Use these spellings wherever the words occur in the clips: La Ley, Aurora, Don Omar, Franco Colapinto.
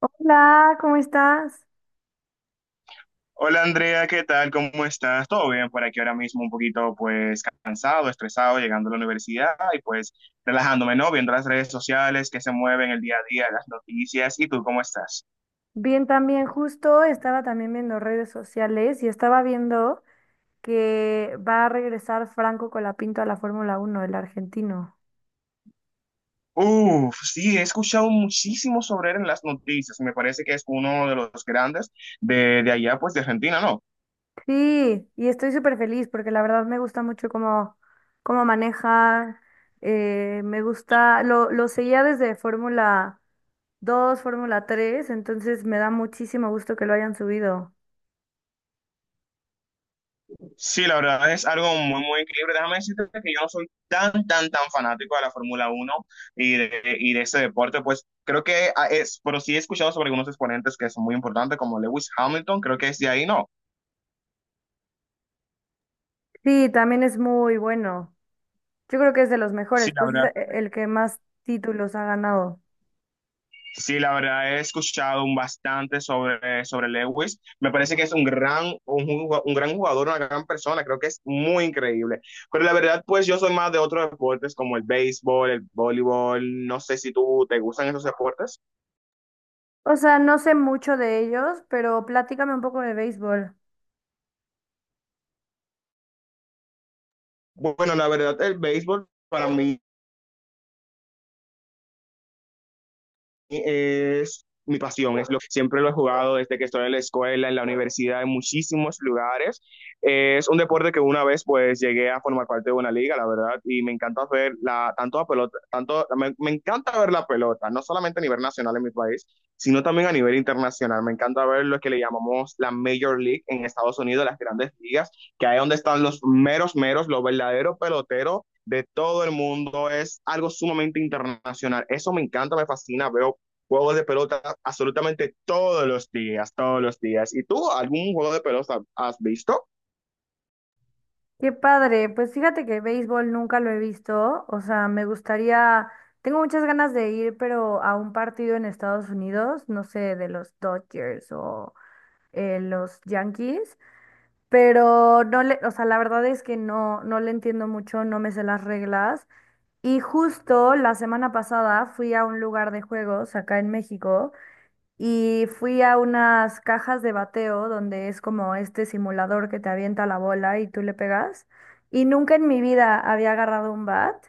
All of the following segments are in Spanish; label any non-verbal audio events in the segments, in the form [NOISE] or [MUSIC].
Hola, ¿cómo estás? Hola Andrea, ¿qué tal? ¿Cómo estás? ¿Todo bien por aquí ahora mismo? Un poquito pues cansado, estresado, llegando a la universidad y pues relajándome, ¿no? Viendo las redes sociales que se mueven el día a día, las noticias. ¿Y tú cómo estás? Bien, también justo estaba también viendo redes sociales y estaba viendo que va a regresar Franco Colapinto a la Fórmula 1, el argentino. Uf, sí, he escuchado muchísimo sobre él en las noticias. Me parece que es uno de los grandes de allá pues de Argentina, ¿no? Sí, y estoy súper feliz porque la verdad me gusta mucho cómo maneja, me gusta, lo seguía desde Fórmula 2, Fórmula 3, entonces me da muchísimo gusto que lo hayan subido. Sí, la verdad es algo muy, muy increíble. Déjame decirte que yo no soy tan fanático de la Fórmula Uno y de ese deporte. Pues creo que es, pero sí he escuchado sobre algunos exponentes que son muy importantes, como Lewis Hamilton, creo que es de ahí, ¿no? Sí, también es muy bueno. Yo creo que es de los Sí, mejores, la pues es verdad, el que más títulos ha ganado. sí, la verdad he escuchado un bastante sobre, sobre Lewis. Me parece que es un gran, un gran jugador, una gran persona. Creo que es muy increíble. Pero la verdad, pues yo soy más de otros deportes como el béisbol, el voleibol. No sé si tú te gustan esos deportes. O sea, no sé mucho de ellos, pero platícame un poco de béisbol. Bueno, la verdad, el béisbol para mí es mi pasión, es lo que siempre lo he jugado desde que estoy en la escuela, en la universidad, en muchísimos lugares. Es un deporte que una vez pues llegué a formar parte de una liga, la verdad, y me encanta ver la, tanto la pelota, tanto, me encanta ver la pelota, no solamente a nivel nacional en mi país, sino también a nivel internacional. Me encanta ver lo que le llamamos la Major League en Estados Unidos, las grandes ligas, que ahí es donde están los meros, meros, los verdaderos peloteros de todo el mundo, es algo sumamente internacional. Eso me encanta, me fascina, veo juegos de pelota absolutamente todos los días, todos los días. ¿Y tú algún juego de pelota has visto? Qué padre, pues fíjate que béisbol nunca lo he visto, o sea, me gustaría, tengo muchas ganas de ir, pero a un partido en Estados Unidos, no sé, de los Dodgers o los Yankees, pero no le, o sea, la verdad es que no, no le entiendo mucho, no me sé las reglas. Y justo la semana pasada fui a un lugar de juegos acá en México, y fui a unas cajas de bateo donde es como este simulador que te avienta la bola y tú le pegas. Y nunca en mi vida había agarrado un bat.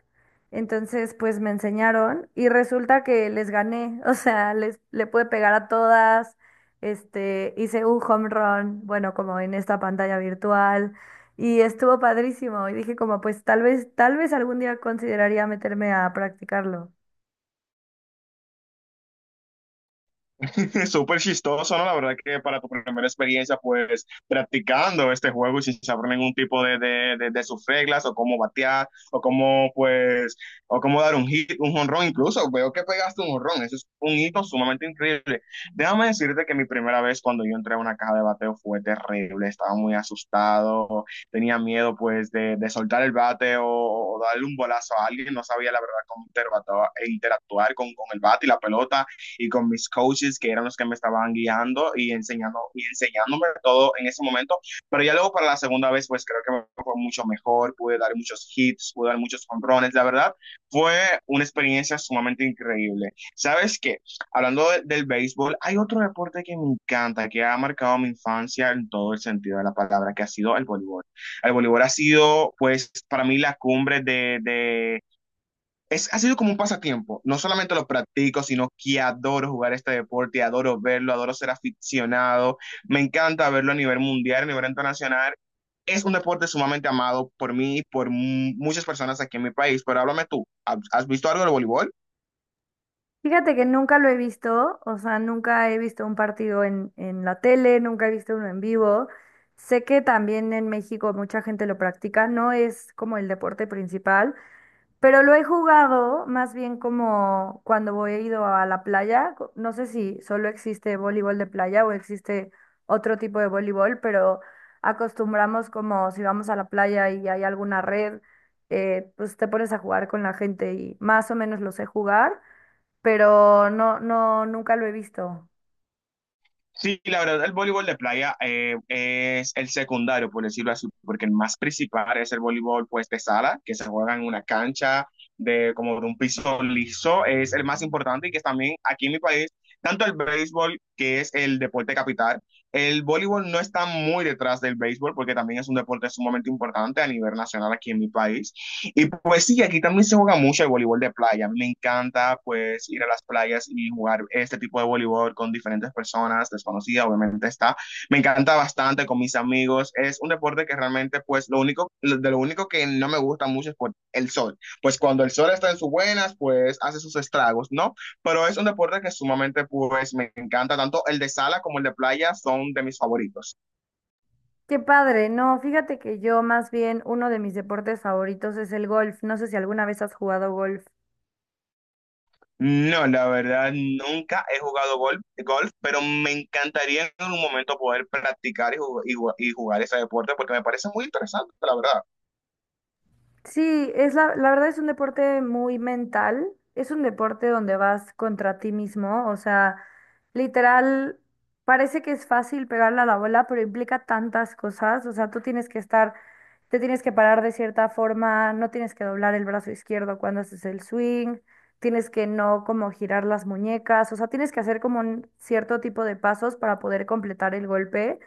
Entonces, pues me enseñaron y resulta que les gané. [LAUGHS] O sea, le pude pegar a todas. Este, hice un home run, bueno, como en esta pantalla virtual. Y estuvo padrísimo. Y dije como, pues tal vez algún día consideraría meterme a practicarlo. [LAUGHS] Súper chistoso, ¿no? La verdad que para tu primera experiencia, pues practicando este juego y sin saber ningún tipo de sus reglas o cómo batear o cómo, pues, o cómo dar un hit, un jonrón, incluso veo que pegaste un jonrón, eso es un hito sumamente increíble. Déjame decirte que mi primera vez cuando yo entré a una caja de bateo fue terrible, estaba muy asustado, tenía miedo, pues, de soltar el bate o darle un bolazo a alguien, no sabía la verdad cómo interactuar, interactuar con el bate y la pelota y con mis coaches que eran los que me estaban guiando y, enseñando, y enseñándome todo en ese momento. Pero ya luego para la segunda vez, pues creo que me fue mucho mejor, pude dar muchos hits, pude dar muchos controles, la verdad, fue una experiencia sumamente increíble. ¿Sabes qué? Hablando de, del béisbol, hay otro deporte que me encanta, que ha marcado mi infancia en todo el sentido de la palabra, que ha sido el voleibol. El voleibol ha sido, pues, para mí la cumbre ha sido como un pasatiempo. No solamente lo practico, sino que adoro jugar este deporte, adoro verlo, adoro ser aficionado. Me encanta verlo a nivel mundial, a nivel internacional. Es un deporte sumamente amado por mí y por muchas personas aquí en mi país. Pero háblame tú, ¿has visto algo del voleibol? Fíjate que nunca lo he visto, o sea, nunca he visto un partido en la tele, nunca he visto uno en vivo. Sé que también en México mucha gente lo practica, no es como el deporte principal, pero lo he jugado más bien como cuando he ido a la playa. No sé si solo existe voleibol de playa o existe otro tipo de voleibol, pero acostumbramos como si vamos a la playa y hay alguna red, pues te pones a jugar con la gente y más o menos lo sé jugar, pero nunca lo he visto. Sí, la verdad, el voleibol de playa es el secundario, por decirlo así, porque el más principal es el voleibol pues de sala, que se juega en una cancha de como de un piso liso, es el más importante y que también aquí en mi país, tanto el béisbol, que es el deporte capital, el voleibol no está muy detrás del béisbol porque también es un deporte sumamente importante a nivel nacional aquí en mi país. Y pues sí, aquí también se juega mucho el voleibol de playa. A mí me encanta pues ir a las playas y jugar este tipo de voleibol con diferentes personas, desconocidas, obviamente está. Me encanta bastante con mis amigos. Es un deporte que realmente pues lo único, de lo único que no me gusta mucho es por el sol. Pues cuando el sol está en sus buenas, pues hace sus estragos, ¿no? Pero es un deporte que sumamente pues me encanta. Tanto el de sala como el de playa son de mis favoritos. Qué padre, no, fíjate que yo más bien uno de mis deportes favoritos es el golf. No sé si alguna vez has jugado golf. No, la verdad, nunca he jugado golf, pero me encantaría en algún momento poder practicar y jugar ese deporte porque me parece muy interesante, la verdad. Sí, es la verdad es un deporte muy mental, es un deporte donde vas contra ti mismo, o sea, literal, parece que es fácil pegarle a la bola, pero implica tantas cosas, o sea, tú tienes que estar, te tienes que parar de cierta forma, no tienes que doblar el brazo izquierdo cuando haces el swing, tienes que no como girar las muñecas, o sea, tienes que hacer como un cierto tipo de pasos para poder completar el golpe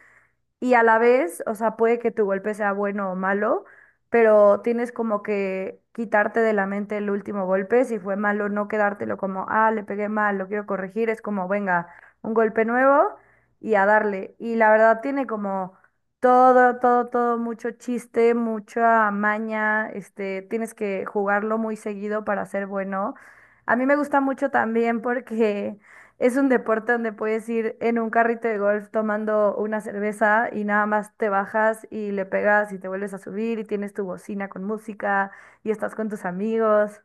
y a la vez, o sea, puede que tu golpe sea bueno o malo, pero tienes como que quitarte de la mente el último golpe, si fue malo, no quedártelo como, ah, le pegué mal, lo quiero corregir, es como, venga, un golpe nuevo y a darle. Y la verdad tiene como todo, mucho chiste, mucha maña, este, tienes que jugarlo muy seguido para ser bueno. A mí me gusta mucho también porque... Es un deporte donde puedes ir en un carrito de golf tomando una cerveza y nada más te bajas y le pegas y te vuelves a subir y tienes tu bocina con música y estás con tus amigos.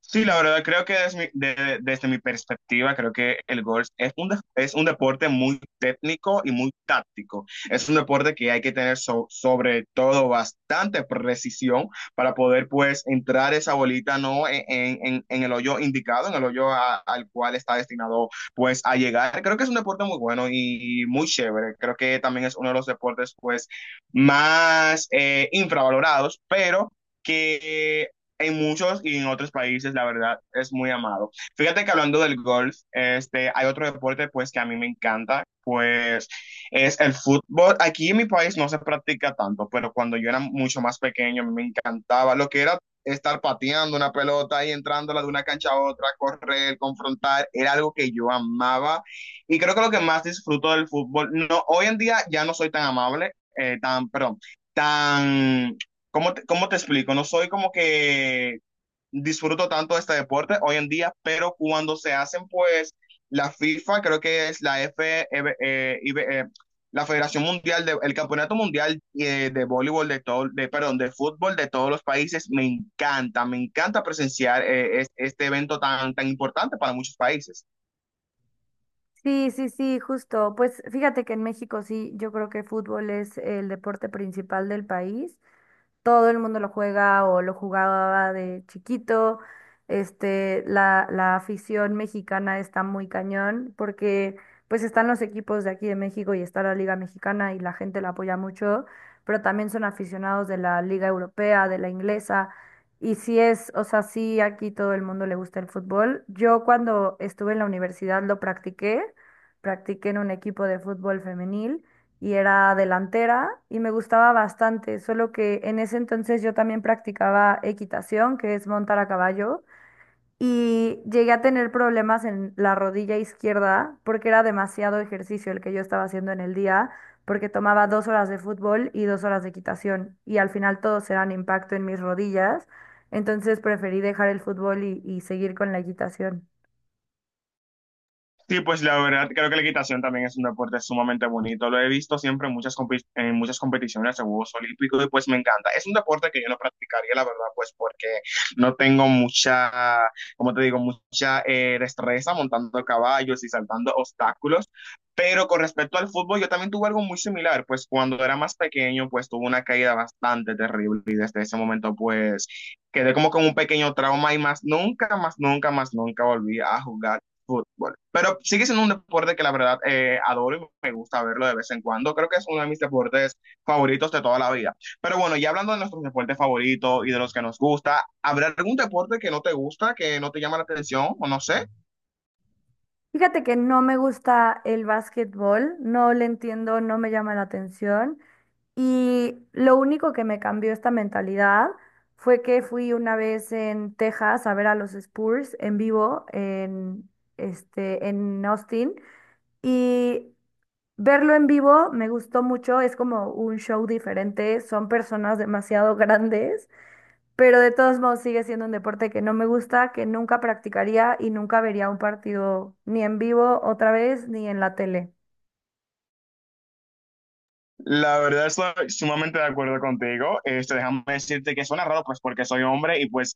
Sí, la verdad, creo que desde desde mi perspectiva, creo que el golf es es un deporte muy técnico y muy táctico. Es un deporte que hay que tener sobre todo bastante precisión para poder pues entrar esa bolita no en el hoyo indicado, en el hoyo al cual está destinado pues a llegar. Creo que es un deporte muy bueno y muy chévere. Creo que también es uno de los deportes pues más infravalorados, pero que en muchos y en otros países, la verdad, es muy amado. Fíjate que hablando del golf, este, hay otro deporte pues que a mí me encanta, pues es el fútbol. Aquí en mi país no se practica tanto, pero cuando yo era mucho más pequeño me encantaba lo que era estar pateando una pelota y entrándola de una cancha a otra, correr, confrontar, era algo que yo amaba. Y creo que lo que más disfruto del fútbol, no, hoy en día ya no soy tan amable, tan, perdón, tan cómo te explico? No soy como que disfruto tanto de este deporte hoy en día, pero cuando se hacen, pues, la FIFA, creo que es la F, eh, IB, la Federación Mundial, de, el Campeonato Mundial de Voleibol, de todo, de, perdón, de fútbol de todos los países, me encanta presenciar este evento tan, tan importante para muchos países. Sí, justo. Pues fíjate que en México sí, yo creo que fútbol es el deporte principal del país, todo el mundo lo juega o lo jugaba de chiquito. Este, la afición mexicana está muy cañón porque pues están los equipos de aquí de México y está la Liga Mexicana y la gente la apoya mucho, pero también son aficionados de la Liga Europea, de la inglesa. Y sí es, o sea, sí aquí todo el mundo le gusta el fútbol. Yo cuando estuve en la universidad lo practiqué, practiqué en un equipo de fútbol femenil y era delantera y me gustaba bastante, solo que en ese entonces yo también practicaba equitación, que es montar a caballo, y llegué a tener problemas en la rodilla izquierda porque era demasiado ejercicio el que yo estaba haciendo en el día, porque tomaba 2 horas de fútbol y 2 horas de equitación, y al final todos eran impacto en mis rodillas, entonces preferí dejar el fútbol y seguir con la equitación. Sí, pues la verdad creo que la equitación también es un deporte sumamente bonito. Lo he visto siempre en muchas, en muchas competiciones en Juegos Olímpicos y pues me encanta. Es un deporte que yo no practicaría, la verdad, pues porque no tengo mucha, como te digo, mucha destreza montando caballos y saltando obstáculos. Pero con respecto al fútbol, yo también tuve algo muy similar, pues cuando era más pequeño, pues tuve una caída bastante terrible y desde ese momento, pues quedé como con un pequeño trauma y más nunca, más nunca, más nunca volví a jugar fútbol. Pero sigue siendo un deporte que la verdad adoro y me gusta verlo de vez en cuando. Creo que es uno de mis deportes favoritos de toda la vida. Pero bueno, ya hablando de nuestros deportes favoritos y de los que nos gusta, ¿habrá algún deporte que no te gusta, que no te llama la atención o no sé? Fíjate que no me gusta el básquetbol, no le entiendo, no me llama la atención. Y lo único que me cambió esta mentalidad fue que fui una vez en Texas a ver a los Spurs en vivo en, este, en Austin. Y verlo en vivo me gustó mucho, es como un show diferente, son personas demasiado [LAUGHS] grandes, pero de todos modos sigue siendo un deporte que no me gusta, que nunca practicaría y nunca vería un partido ni en vivo otra vez ni en la tele. La verdad estoy sumamente de acuerdo contigo. Este, déjame decirte que suena raro, pues porque soy hombre y pues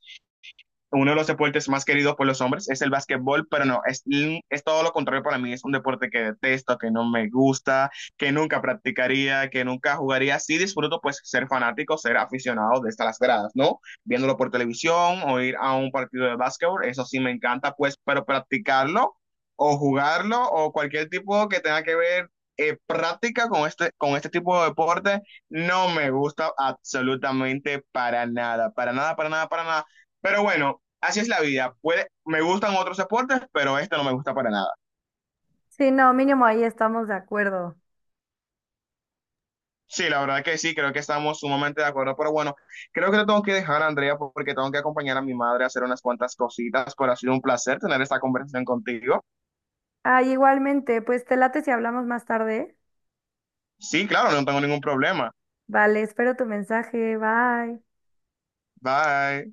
uno de los deportes más queridos por los hombres es el básquetbol, pero no, es todo lo contrario para mí. Es un deporte que detesto, que no me gusta, que nunca practicaría, que nunca jugaría. Sí disfruto pues ser fanático, ser aficionado de las gradas, ¿no? Viéndolo por televisión o ir a un partido de básquetbol, eso sí me encanta pues, pero practicarlo o jugarlo o cualquier tipo que tenga que ver práctica con este tipo de deporte no me gusta absolutamente para nada, para nada, para nada, para nada. Pero bueno, así es la vida. Puede, me gustan otros deportes, pero este no me gusta para nada. Sí, no, mínimo ahí estamos de acuerdo. Sí, la verdad que sí, creo que estamos sumamente de acuerdo, pero bueno, creo que te tengo que dejar, Andrea, porque tengo que acompañar a mi madre a hacer unas cuantas cositas, pero ha sido un placer tener esta conversación contigo. Ah, igualmente, pues te late si hablamos más tarde. Sí, claro, no tengo ningún problema. Vale, espero tu mensaje. Bye. Bye.